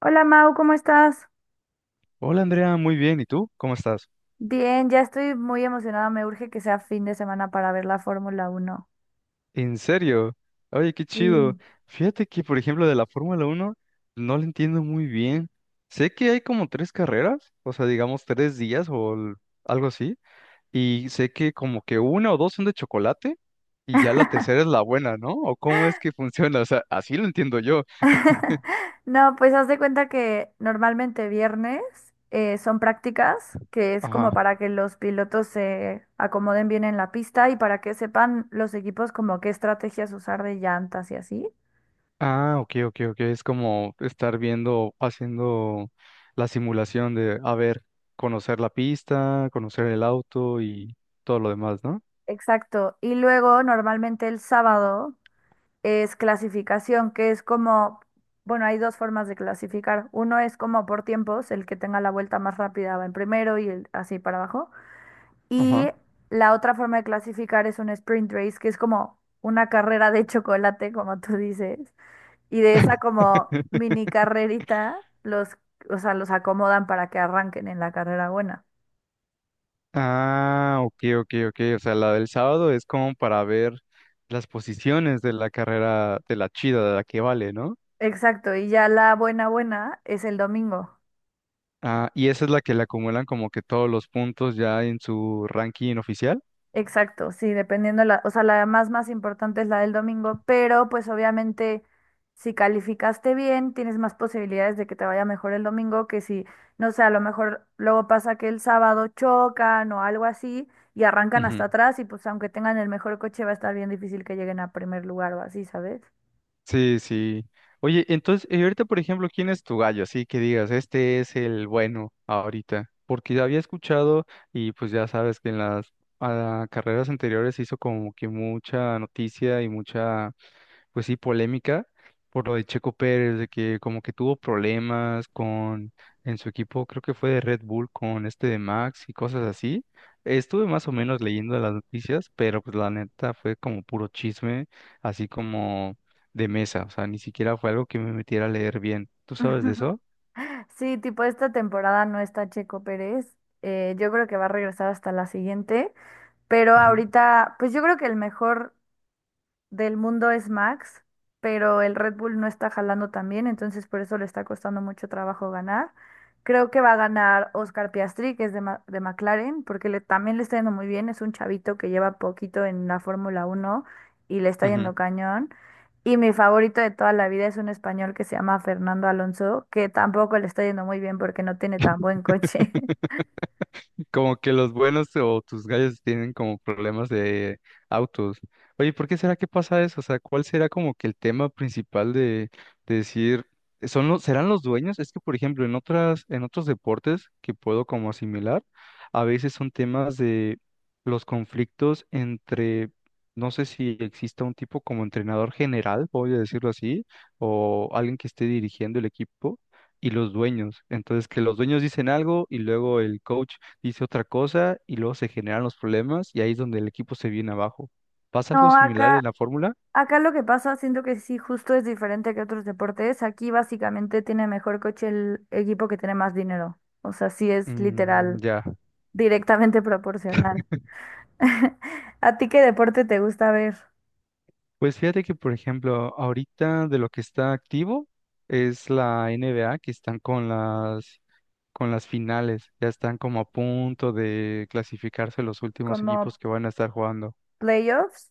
Hola Mau, ¿cómo estás? Hola Andrea, muy bien. ¿Y tú? ¿Cómo estás? Bien, ya estoy muy emocionada. Me urge que sea fin de semana para ver la Fórmula Uno. ¿En serio? Oye, qué Sí. chido. Fíjate que, por ejemplo, de la Fórmula Uno no la entiendo muy bien. Sé que hay como tres carreras, o sea, digamos tres días o algo así, y sé que como que una o dos son de chocolate y ya la tercera es la buena, ¿no? ¿O cómo es que funciona? O sea, así lo entiendo yo. No, pues haz de cuenta que normalmente viernes son prácticas, que es Ajá. como para que los pilotos se acomoden bien en la pista y para que sepan los equipos como qué estrategias usar de llantas y así. Ah, ok, ok, ok. Es como estar viendo, haciendo la simulación de, a ver, conocer la pista, conocer el auto y todo lo demás, ¿no? Exacto. Y luego normalmente el sábado es clasificación, que es como, bueno, hay dos formas de clasificar. Uno es como por tiempos, el que tenga la vuelta más rápida va en primero y el, así para abajo. Y Ajá. la otra forma de clasificar es un sprint race, que es como una carrera de chocolate, como tú dices. Y de esa como mini carrerita, los, o sea, los acomodan para que arranquen en la carrera buena. Ah, ok, ok, ok. O sea, la del sábado es como para ver las posiciones de la carrera, de la chida, de la que vale, ¿no? Exacto, y ya la buena buena es el domingo. Ah, y esa es la que le acumulan como que todos los puntos ya en su ranking oficial. Exacto, sí, dependiendo la, o sea, la más más importante es la del domingo, pero pues obviamente si calificaste bien, tienes más posibilidades de que te vaya mejor el domingo que si, no sé, a lo mejor luego pasa que el sábado chocan o algo así y arrancan hasta atrás y pues aunque tengan el mejor coche va a estar bien difícil que lleguen a primer lugar o así, ¿sabes? Sí, sí. Oye, entonces, y ahorita, por ejemplo, ¿quién es tu gallo? Así que digas, este es el bueno ahorita. Porque ya había escuchado y pues ya sabes que en las carreras anteriores se hizo como que mucha noticia y mucha, pues sí, polémica por lo de Checo Pérez, de que como que tuvo problemas con en su equipo. Creo que fue de Red Bull, con este de Max y cosas así. Estuve más o menos leyendo las noticias, pero pues la neta fue como puro chisme, así como de mesa. O sea, ni siquiera fue algo que me metiera a leer bien. ¿Tú sabes de eso? Sí, tipo esta temporada no está Checo Pérez. Yo creo que va a regresar hasta la siguiente. Pero Ujú, ahorita, pues yo creo que el mejor del mundo es Max, pero el Red Bull no está jalando tan bien, entonces por eso le está costando mucho trabajo ganar. Creo que va a ganar Oscar Piastri, que es de, de McLaren, porque le, también le está yendo muy bien. Es un chavito que lleva poquito en la Fórmula Uno y le está ujú. yendo cañón. Y mi favorito de toda la vida es un español que se llama Fernando Alonso, que tampoco le está yendo muy bien porque no tiene tan buen coche. Como que los buenos o tus gallos tienen como problemas de autos. Oye, ¿por qué será que pasa eso? O sea, ¿cuál será como que el tema principal de decir, serán los dueños? Es que, por ejemplo, en otros deportes que puedo como asimilar, a veces son temas de los conflictos entre, no sé si exista un tipo como entrenador general, voy a decirlo así, o alguien que esté dirigiendo el equipo. Y los dueños. Entonces, que los dueños dicen algo y luego el coach dice otra cosa y luego se generan los problemas y ahí es donde el equipo se viene abajo. ¿Pasa algo No, similar en acá la fórmula? Acá lo que pasa, siento que sí, justo es diferente que otros deportes. Aquí básicamente tiene mejor coche el equipo que tiene más dinero. O sea, sí es Mm, literal, ya. directamente proporcional. ¿A ti qué deporte te gusta ver? Pues fíjate que, por ejemplo, ahorita de lo que está activo es la NBA, que están con con las finales. Ya están como a punto de clasificarse los últimos ¿Como equipos que van a estar jugando. playoffs?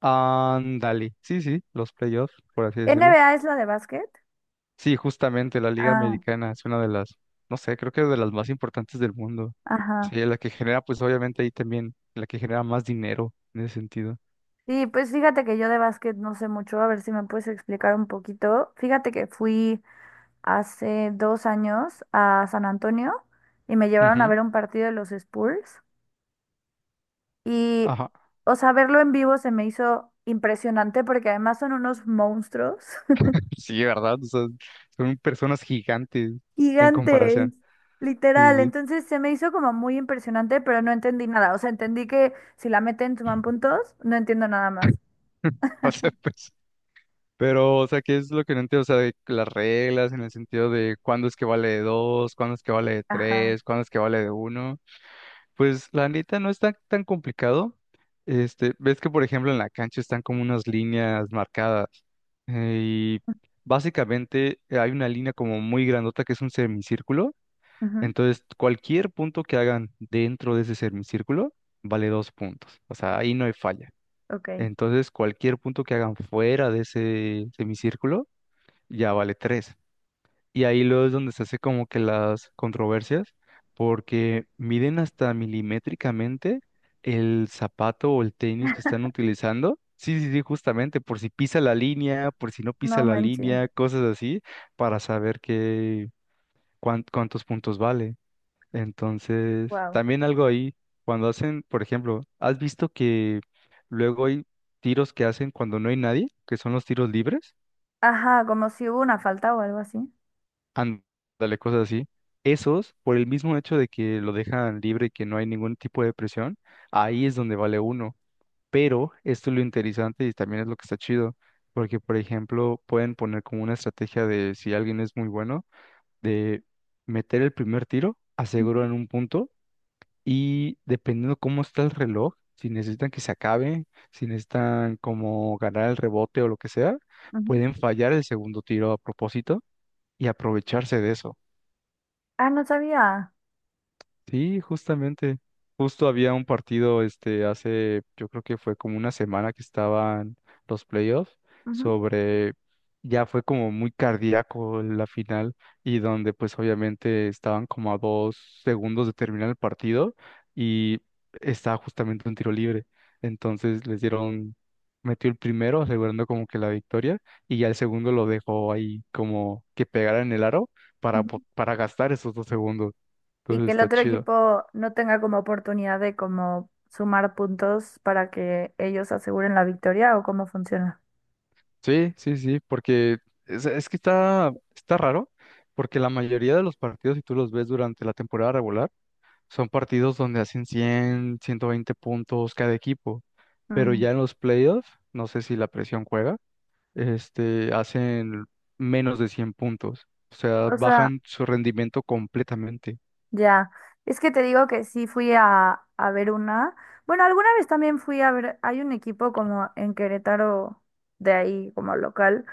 Ándale. Sí, sí, los playoffs, por así decirlo. ¿NBA es la de básquet? Sí, justamente la Liga Ah, Americana es una de las, no sé, creo que es de las más importantes del mundo. ajá. Sí, la que genera, pues obviamente ahí también, la que genera más dinero en ese sentido. Sí, pues fíjate que yo de básquet no sé mucho, a ver si me puedes explicar un poquito. Fíjate que fui hace 2 años a San Antonio y me llevaron a Ujú. ver un partido de los Spurs. Y, Ajá. o sea, verlo en vivo se me hizo impresionante porque además son unos monstruos Sí, ¿verdad? O sea, son personas gigantes en gigantes, comparación. literal. Sí, sí, Entonces se me hizo como muy impresionante, pero no entendí nada. O sea, entendí que si la meten suman sí. puntos, no entiendo nada más. O sea, pues, pero, o sea, ¿qué es lo que no entiendo? O sea, de las reglas en el sentido de cuándo es que vale de dos, cuándo es que vale de Ajá. tres, cuándo es que vale de uno. Pues la neta no está tan complicado. Este, ves que por ejemplo en la cancha están como unas líneas marcadas, y básicamente hay una línea como muy grandota que es un semicírculo. Ujú. Entonces cualquier punto que hagan dentro de ese semicírculo vale dos puntos. O sea, ahí no hay falla. Ok. Entonces cualquier punto que hagan fuera de ese semicírculo ya vale tres. Y ahí luego es donde se hace como que las controversias, porque miden hasta milimétricamente el zapato o el tenis que están utilizando. Sí, sí, sí, justamente, por si pisa la línea, por si no pisa No la manches. línea, cosas así, para saber qué, cuántos puntos vale. Entonces, Wow. también algo ahí, cuando hacen, por ejemplo, ¿has visto que luego hay tiros que hacen cuando no hay nadie, que son los tiros libres? Ajá, como si hubo una falta o algo así. Ándale, cosas así. Esos, por el mismo hecho de que lo dejan libre y que no hay ningún tipo de presión, ahí es donde vale uno. Pero esto es lo interesante y también es lo que está chido, porque, por ejemplo, pueden poner como una estrategia de si alguien es muy bueno, de meter el primer tiro, aseguran un punto, y dependiendo cómo está el reloj, si necesitan que se acabe, si necesitan como ganar el rebote o lo que sea, Ujú. pueden fallar el segundo tiro a propósito y aprovecharse de eso. Ah, no sabía. Sí, justamente. Justo había un partido, este, hace, yo creo que fue como una semana, que estaban los playoffs, Ujú, sobre ya fue como muy cardíaco la final, y donde pues obviamente estaban como a 2 segundos de terminar el partido y estaba justamente un tiro libre. Entonces les dieron, metió el primero asegurando como que la victoria y ya el segundo lo dejó ahí como que pegara en el aro para, ujú. para gastar esos 2 segundos. Y Entonces que el está otro chido. equipo no tenga como oportunidad de como sumar puntos para que ellos aseguren la victoria o cómo funciona. Sí, sí, sí, porque es que está raro, porque la mayoría de los partidos, si tú los ves durante la temporada regular, son partidos donde hacen 100, 120 puntos cada equipo, pero Mm. ya en los playoffs, no sé si la presión juega, este, hacen menos de 100 puntos. O sea, O sea, bajan su rendimiento completamente. ya. Es que te digo que sí fui a ver una. Bueno, alguna vez también fui a ver, hay un equipo como en Querétaro de ahí como local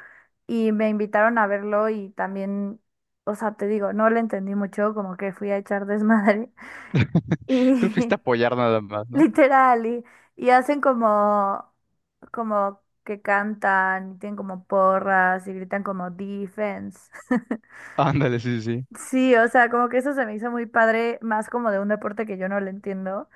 y me invitaron a verlo y también, o sea, te digo, no le entendí mucho, como que fui a echar desmadre. Tú fuiste a Y, apoyar nada más, ¿no? literal, y hacen como, como que cantan, y tienen como porras y gritan como defense. Ándale, sí, sí. Sí, o sea, como que eso se me hizo muy padre, más como de un deporte que yo no le entiendo,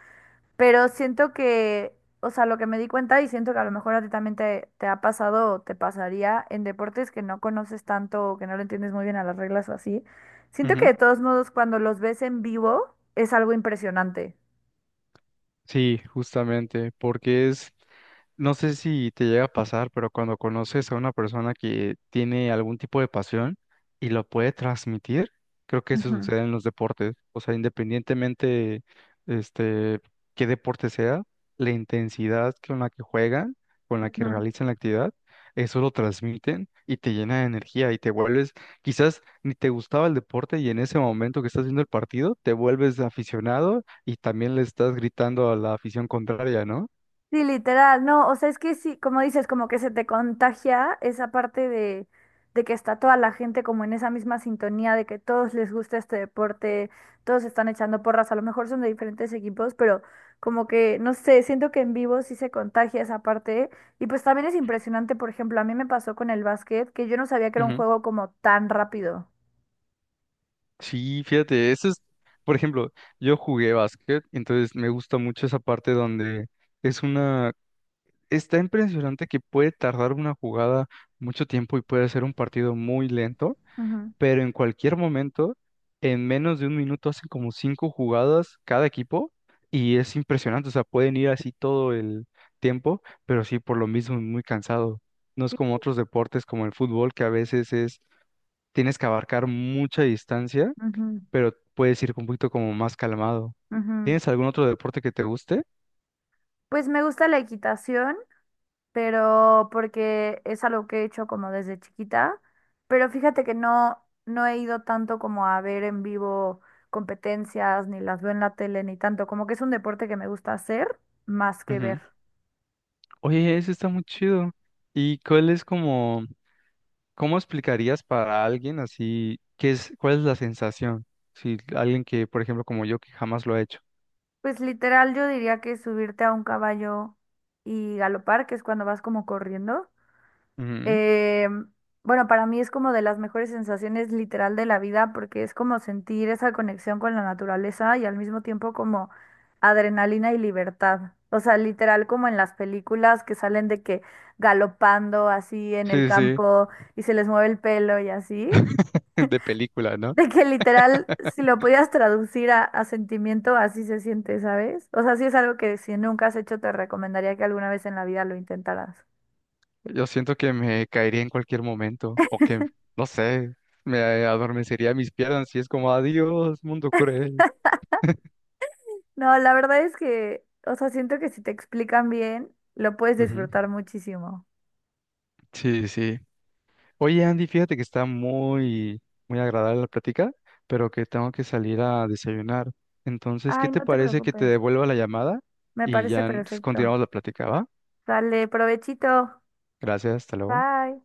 pero siento que, o sea, lo que me di cuenta y siento que a lo mejor a ti también te ha pasado o te pasaría en deportes que no conoces tanto o que no le entiendes muy bien a las reglas o así, siento que de todos modos cuando los ves en vivo es algo impresionante. Sí, justamente, porque es, no sé si te llega a pasar, pero cuando conoces a una persona que tiene algún tipo de pasión y lo puede transmitir, creo que eso Ujú, sucede en los deportes. O sea, independientemente, este, qué deporte sea, la intensidad con la que juegan, con la que ujú. realizan la actividad, eso lo transmiten y te llena de energía y te vuelves, quizás ni te gustaba el deporte y en ese momento que estás viendo el partido, te vuelves aficionado y también le estás gritando a la afición contraria, ¿no? Sí, literal, no, o sea, es que sí, como dices, como que se te contagia esa parte de que está toda la gente como en esa misma sintonía, de que todos les gusta este deporte, todos están echando porras, a lo mejor son de diferentes equipos, pero como que, no sé, siento que en vivo sí se contagia esa parte. Y pues también es impresionante, por ejemplo, a mí me pasó con el básquet, que yo no sabía que era un Ujú. juego como tan rápido. Sí, fíjate, eso es, por ejemplo, yo jugué básquet, entonces me gusta mucho esa parte donde es una, está impresionante que puede tardar una jugada mucho tiempo y puede ser un partido muy lento, Ujú. pero en cualquier momento, en menos de un minuto hacen como cinco jugadas cada equipo y es impresionante. O sea, pueden ir así todo el tiempo, pero sí, por lo mismo es muy cansado. No es Sí. como otros deportes como el fútbol, que a veces tienes que abarcar mucha distancia, Ujú, pero puedes ir un poquito como más calmado. ujú. ¿Tienes algún otro deporte que te guste? Pues me gusta la equitación pero porque es algo que he hecho como desde chiquita, pero fíjate que no, no he ido tanto como a ver en vivo competencias, ni las veo en la tele, ni tanto, como que es un deporte que me gusta hacer más que ver. Ujú. Oye, ese está muy chido. ¿Y cuál es como? ¿Cómo explicarías para alguien así qué es, cuál es la sensación? Si alguien que, por ejemplo, como yo, que jamás lo ha hecho. Pues literal yo diría que subirte a un caballo y galopar, que es cuando vas como corriendo. Ujú. Eh, bueno, para mí es como de las mejores sensaciones literal de la vida porque es como sentir esa conexión con la naturaleza y al mismo tiempo como adrenalina y libertad. O sea, literal como en las películas que salen de que galopando así en el Sí, sí. campo y se les mueve el pelo y así. De película, ¿no? De que literal, si lo pudieras traducir a sentimiento, así se siente, ¿sabes? O sea, sí es algo que si nunca has hecho, te recomendaría que alguna vez en la vida lo intentaras. Yo siento que me caería en cualquier momento o que, no sé, me adormecería mis piernas y es como adiós, mundo cruel. No, la verdad es que, o sea, siento que si te explican bien, lo puedes Ujú. disfrutar muchísimo. Sí, sí. Oye, Andy, fíjate que está muy, muy agradable la plática, pero que tengo que salir a desayunar. Entonces, ¿qué Ay, te no te parece que te preocupes. devuelva la llamada Me y parece ya perfecto. continuamos la plática, va? Dale, provechito. Gracias, hasta luego. Bye.